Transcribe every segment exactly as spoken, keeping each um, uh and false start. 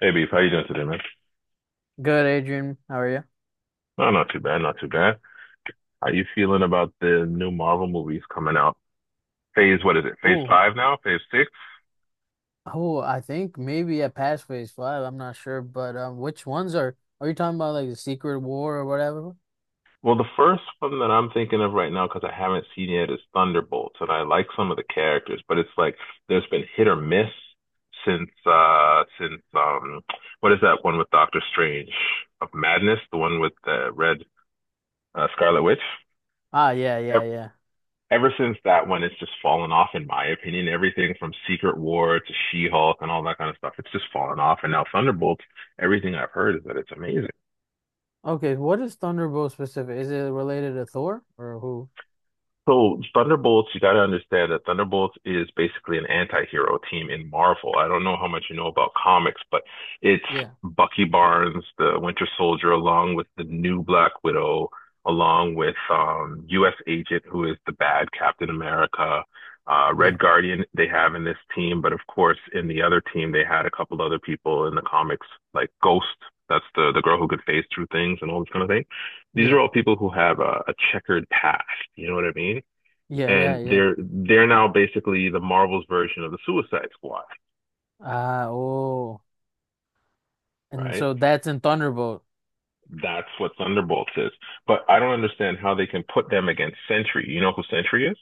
Hey, Beef, how you doing today, man? Good, Adrian. How are you? No, not too bad, not too bad. How you feeling about the new Marvel movies coming out? Phase, what is it? Phase Ooh, five now? Phase six? oh, I think maybe at Pathways Five. I'm not sure, but um, which ones are are you talking about? Like the Secret War or whatever? Well, the first one that I'm thinking of right now, because I haven't seen yet, is Thunderbolts, and I like some of the characters, but it's like there's been hit or miss since uh since um what is that one with Doctor Strange of Madness, the one with the red uh, Scarlet Witch? Ah, yeah, Ev- yeah, yeah. ever since that one, it's just fallen off, in my opinion. Everything from Secret War to She-Hulk and all that kind of stuff, it's just fallen off. And now Thunderbolts, everything I've heard is that it's amazing. Okay, what is Thunderbolt specific? Is it related to Thor or who? So Thunderbolts, you got to understand that Thunderbolts is basically an anti-hero team in Marvel. I don't know how much you know about comics, but it's Yeah, Bucky Barnes, the Winter Soldier, along with the new Black Widow, along with um, U S. Agent, who is the bad Captain America. Uh, yeah, Red Guardian they have in this team, but of course in the other team they had a couple other people in the comics like Ghost. That's the the girl who could phase through things and all this kind of thing. These yeah, are all people who have a, a checkered past. You know what I mean? yeah, yeah, And yeah. they're they're now basically the Marvel's version of the Suicide Squad, Ah, oh, and right? so that's in Thunderbolt. That's what Thunderbolts is. But I don't understand how they can put them against Sentry. You know who Sentry is?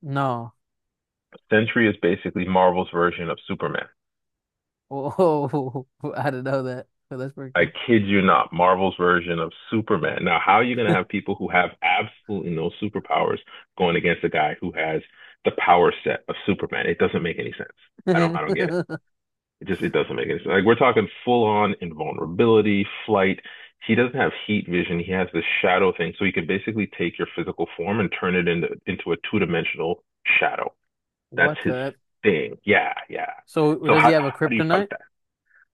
No, Sentry is basically Marvel's version of Superman. oh, I didn't know that. So that's pretty I cool. kid you not, Marvel's version of Superman. Now, how are you going to have people who have absolutely no superpowers going against a guy who has the power set of Superman? It doesn't make any sense. I don't I don't get it. It just it doesn't make any sense. Like we're talking full on invulnerability, flight. He doesn't have heat vision. He has this shadow thing, so he can basically take your physical form and turn it into into a two dimensional shadow. That's What his the? thing. Yeah, yeah. So So does he how have a how do you fight kryptonite? that?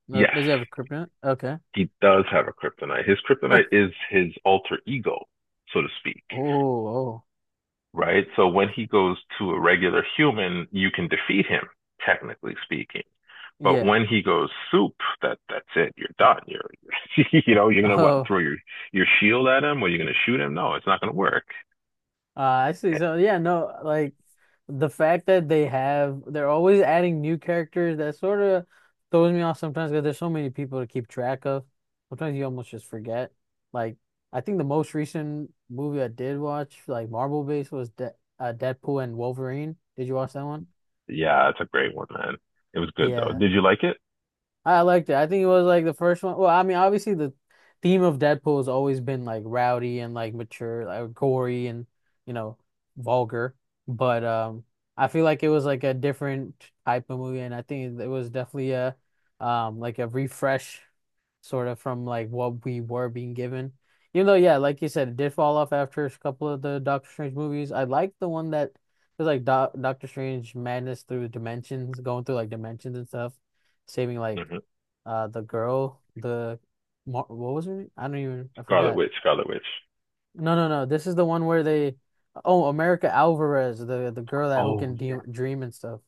No, Yes, does he have a kryptonite? Okay. he does have a kryptonite. His kryptonite is his alter ego, so to speak. Oh, oh, Right? So when he goes to a regular human, you can defeat him, technically speaking. But yeah. when he goes soup, that that's it. You're done. You're, you're you know, you're gonna what, Oh, throw your your shield at him or you're gonna shoot him? No, it's not gonna work. uh, I see. So, yeah, no, like the fact that they have, they're always adding new characters that sort of throws me off sometimes because there's so many people to keep track of. Sometimes you almost just forget. Like, I think the most recent movie I did watch, like Marvel based, was De uh, Deadpool and Wolverine. Did you watch that one? Yeah, it's a great one, man. It was good though. Yeah, Did you like it? I liked it. I think it was like the first one. Well, I mean, obviously the theme of Deadpool has always been like rowdy and like mature, like gory and you know, vulgar. But um, I feel like it was like a different type of movie, and I think it was definitely a um like a refresh sort of from like what we were being given. Even though, yeah, like you said, it did fall off after a couple of the Doctor Strange movies. I liked the one that was like Do Doctor Strange Madness through dimensions, going through like dimensions and stuff saving like Hmm. uh the girl, the Mar what was her? I don't even I Scarlet forgot. Witch, Scarlet Witch. No, no, no. This is the one where they oh, America Alvarez, the the girl that who Oh can de yeah. dream and stuff.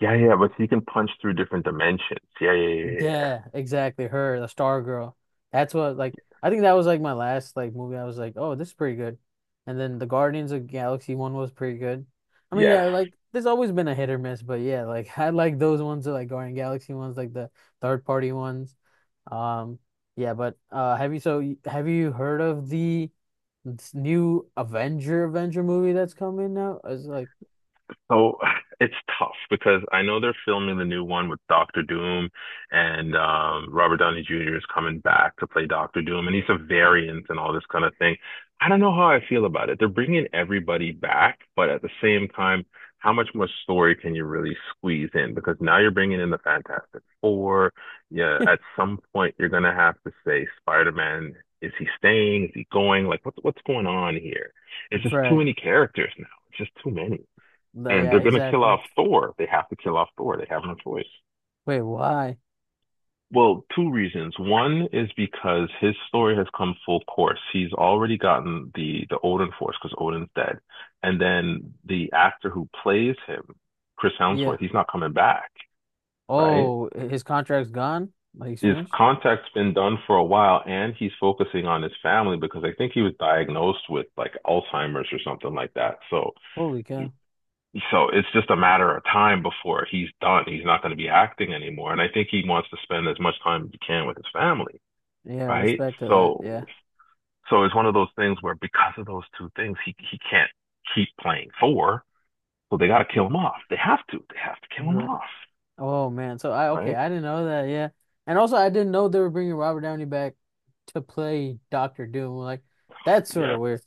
Yeah, yeah, but he can punch through different dimensions. Yeah, yeah, yeah, yeah. Yeah, exactly. Her, the Star Girl. That's what like I think that was like my last like movie. I was like, oh, this is pretty good. And then the Guardians of Galaxy one was pretty good. I mean, Yes. yeah, like there's always been a hit or miss, but yeah, like I like those ones, the, like Guardian Galaxy ones, like the third party ones. Um, yeah, but uh, have you so y- have you heard of the this new Avenger Avenger movie that's coming out? It's like, So it's tough because I know they're filming the new one with Doctor Doom, and um, Robert Downey Junior is coming back to play Doctor Doom, and he's a variant and all this kind of thing. I don't know how I feel about it. They're bringing everybody back, but at the same time, how much more story can you really squeeze in? Because now you're bringing in the Fantastic Four. Yeah, at some point you're gonna have to say Spider-Man. Is he staying? Is he going? Like, what, what's going on here? It's just too right, many characters now. It's just too many, The- and yeah, they're going to kill exactly. off Thor. They have to kill off Thor. They have no choice. Wait, why? Well, two reasons. One is because his story has come full course. He's already gotten the the Odin force because Odin's dead, and then the actor who plays him, Chris Yeah. Hemsworth, he's not coming back, right? Oh, his contract's gone? Like he's His finished? contact's been done for a while, and he's focusing on his family because I think he was diagnosed with like Alzheimer's or something like that. So Holy cow. so it's just a matter of time before he's done. He's not going to be acting anymore, and I think he wants to spend as much time as he can with his family, Yeah, right? respect to that. So, Yeah. so it's one of those things where because of those two things, he he can't keep playing four, so they got to kill him off. They have to. They have to kill him Right. off, Oh man. So I okay, right? I didn't know that. Yeah. And also I didn't know they were bringing Robert Downey back to play Doctor Doom. Like that's sort Yeah. of weird.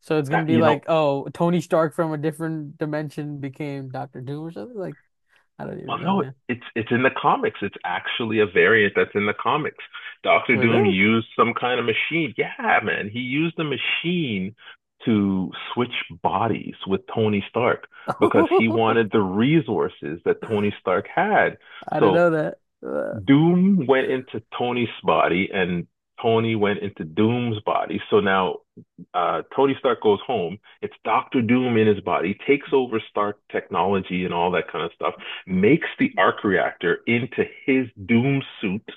So it's gonna That be you know, like, oh, Tony Stark from a different dimension became Doctor Doom or something? Like, I don't well, even know, no, man. it's it's in the comics. It's actually a variant that's in the comics. Doctor Wait, Doom really? used some kind of machine. Yeah, man, he used a machine to switch bodies with Tony Stark I because he wanted the resources that Tony Stark had. didn't So know that. Uh, Doom went into Tony's body and Tony went into Doom's body. So now uh, Tony Stark goes home. It's Doctor Doom in his body, takes over Stark technology and all that kind of stuff, makes the arc reactor into his Doom suit.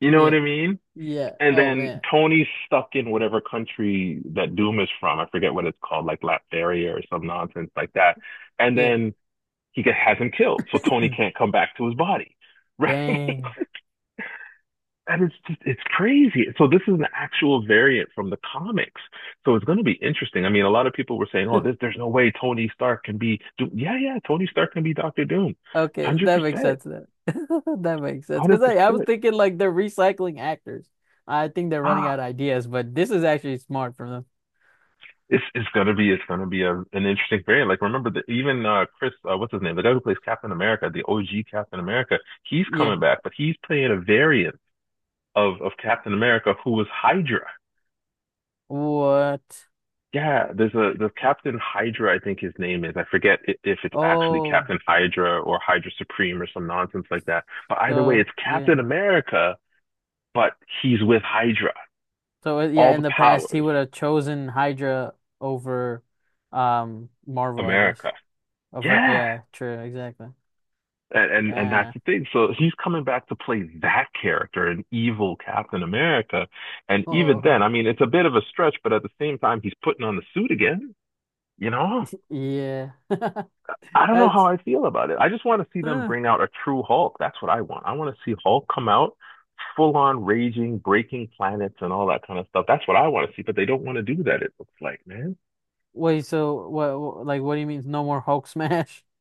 You know what yeah. I mean? Yeah. And Oh then man. Tony's stuck in whatever country that Doom is from. I forget what it's called, like Latveria or some nonsense like that. And Yeah. then he get, has him killed. So Tony can't come back to his body, right? Dang. And it's just, it's crazy. So this is an actual variant from the comics. So it's going to be interesting. I mean, a lot of people were saying, "Oh, this, there's no way Tony Stark can be Doom." Yeah, yeah, Tony Stark can be Doctor Doom, one Okay, hundred that makes percent, sense then. That makes one sense. hundred Because I, I was percent. thinking like they're recycling actors. I think they're running Ah, out of ideas, but this is actually smart from them. it's it's going to be it's going to be a, an interesting variant. Like remember that even uh, Chris, uh, what's his name, the guy who plays Captain America, the O G Captain America, he's Yeah. coming back, but he's playing a variant of of Captain America who was Hydra. What? Yeah, there's a the Captain Hydra, I think his name is. I forget i- if it's actually Oh, Captain Hydra or Hydra Supreme or some nonsense like that. But either way, so it's yeah. Captain America, but he's with Hydra. So uh, yeah, All the in the past he powers, would have chosen Hydra over um Marvel, I guess. America. Over Yeah. yeah, true, exactly. And, and and that's Yeah. the thing. So he's coming back to play that character, an evil Captain America. And even Oh, then, I mean, it's a bit of a stretch, but at the same time, he's putting on the suit again, you know? yeah. I don't know how That's I feel about it. I just want to see them uh, bring out a true Hulk. That's what I want. I want to see Hulk come out full on raging, breaking planets and all that kind of stuff. That's what I want to see, but they don't want to do that, it looks like, man. wait, so what, what like what do you mean no more Hulk smash?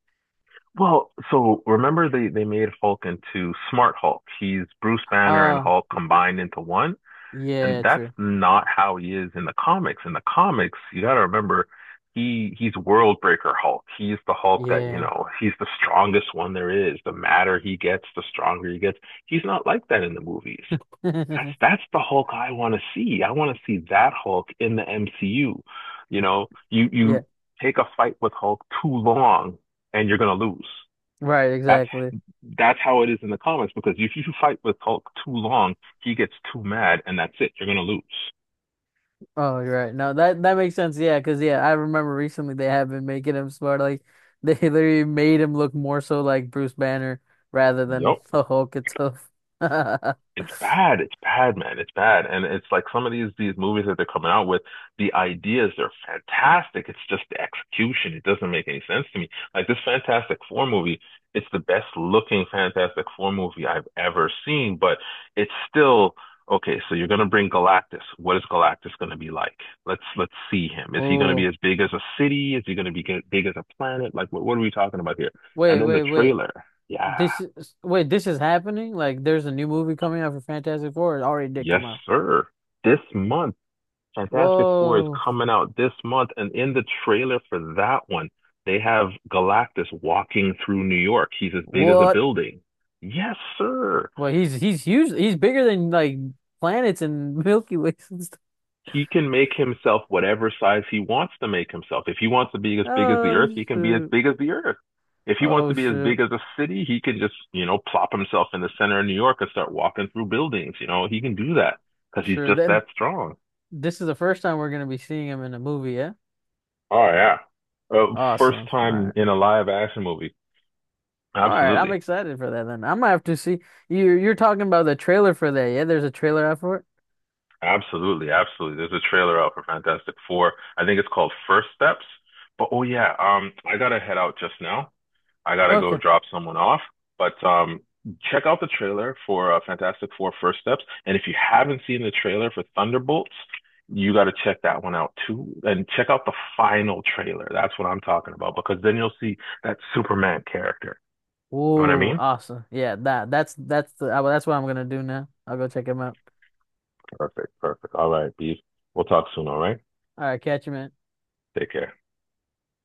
Well, so remember they, they made Hulk into Smart Hulk. He's Bruce Banner and Uh Hulk combined into one. And yeah, that's true. not how he is in the comics. In the comics, you got to remember, he he's Worldbreaker Hulk. He's the Hulk that you Yeah. know. He's the strongest one there is. The madder he gets, the stronger he gets. He's not like that in the movies. That's that's the Hulk I want to see. I want to see that Hulk in the M C U. You know, you Yeah. you take a fight with Hulk too long and you're gonna lose. Right, That's exactly. that's how it is in the comics because if you fight with Hulk too long, he gets too mad and that's it. You're gonna lose. Oh, you're right. No, that that makes sense. Yeah, 'cause yeah, I remember recently they have been making him smart. Like they literally made him look more so like Bruce Banner rather than Yep. the Hulk itself. It's bad. It's bad, man. It's bad. And it's like some of these these movies that they're coming out with, the ideas are fantastic. It's just the execution. It doesn't make any sense to me. Like this Fantastic Four movie, it's the best looking Fantastic Four movie I've ever seen, but it's still okay, so you're gonna bring Galactus. What is Galactus gonna be like? Let's let's see him. Is he gonna be Oh, as big as a city? Is he gonna be g- big as a planet? Like what, what are we talking about here? And wait, then the wait, wait. trailer. Yeah. This is wait, this is happening? Like there's a new movie coming out for Fantastic Four. It already did Yes, come out. sir. This month Fantastic Four is Whoa. coming out this month, and in the trailer for that one, they have Galactus walking through New York. He's as big as a What? building. Yes, sir. Well, he's he's huge. He's bigger than like planets and Milky Ways and stuff. He can make himself whatever size he wants to make himself. If he wants to be as big as the Earth, Oh, he can be as shoot. big as the Earth. If he wants to Oh, be as sure. big as a city, he can just, you know, plop himself in the center of New York and start walking through buildings. You know, he can do that because he's Sure. just Then that strong. this is the first time we're gonna be seeing him in a movie, yeah? Oh, yeah. Uh, first Awesome. All time right. in a live action movie. All right. I'm Absolutely. excited for that then. I'm gonna have to see you you're talking about the trailer for that, yeah? There's a trailer out for it? Absolutely, absolutely. There's a trailer out for Fantastic Four. I think it's called First Steps. But oh yeah, um, I gotta head out just now. I gotta go Okay. drop someone off. But um, check out the trailer for uh, Fantastic Four First Steps. And if you haven't seen the trailer for Thunderbolts, you gotta check that one out too. And check out the final trailer. That's what I'm talking about because then you'll see that Superman character. You know what I Whoa, mean? awesome. Yeah, that that's that's the I, well, that's what I'm gonna do now. I'll go check him out. Perfect, perfect. All right, Beef. We'll talk soon, all right? All right, catch you, man. Take care.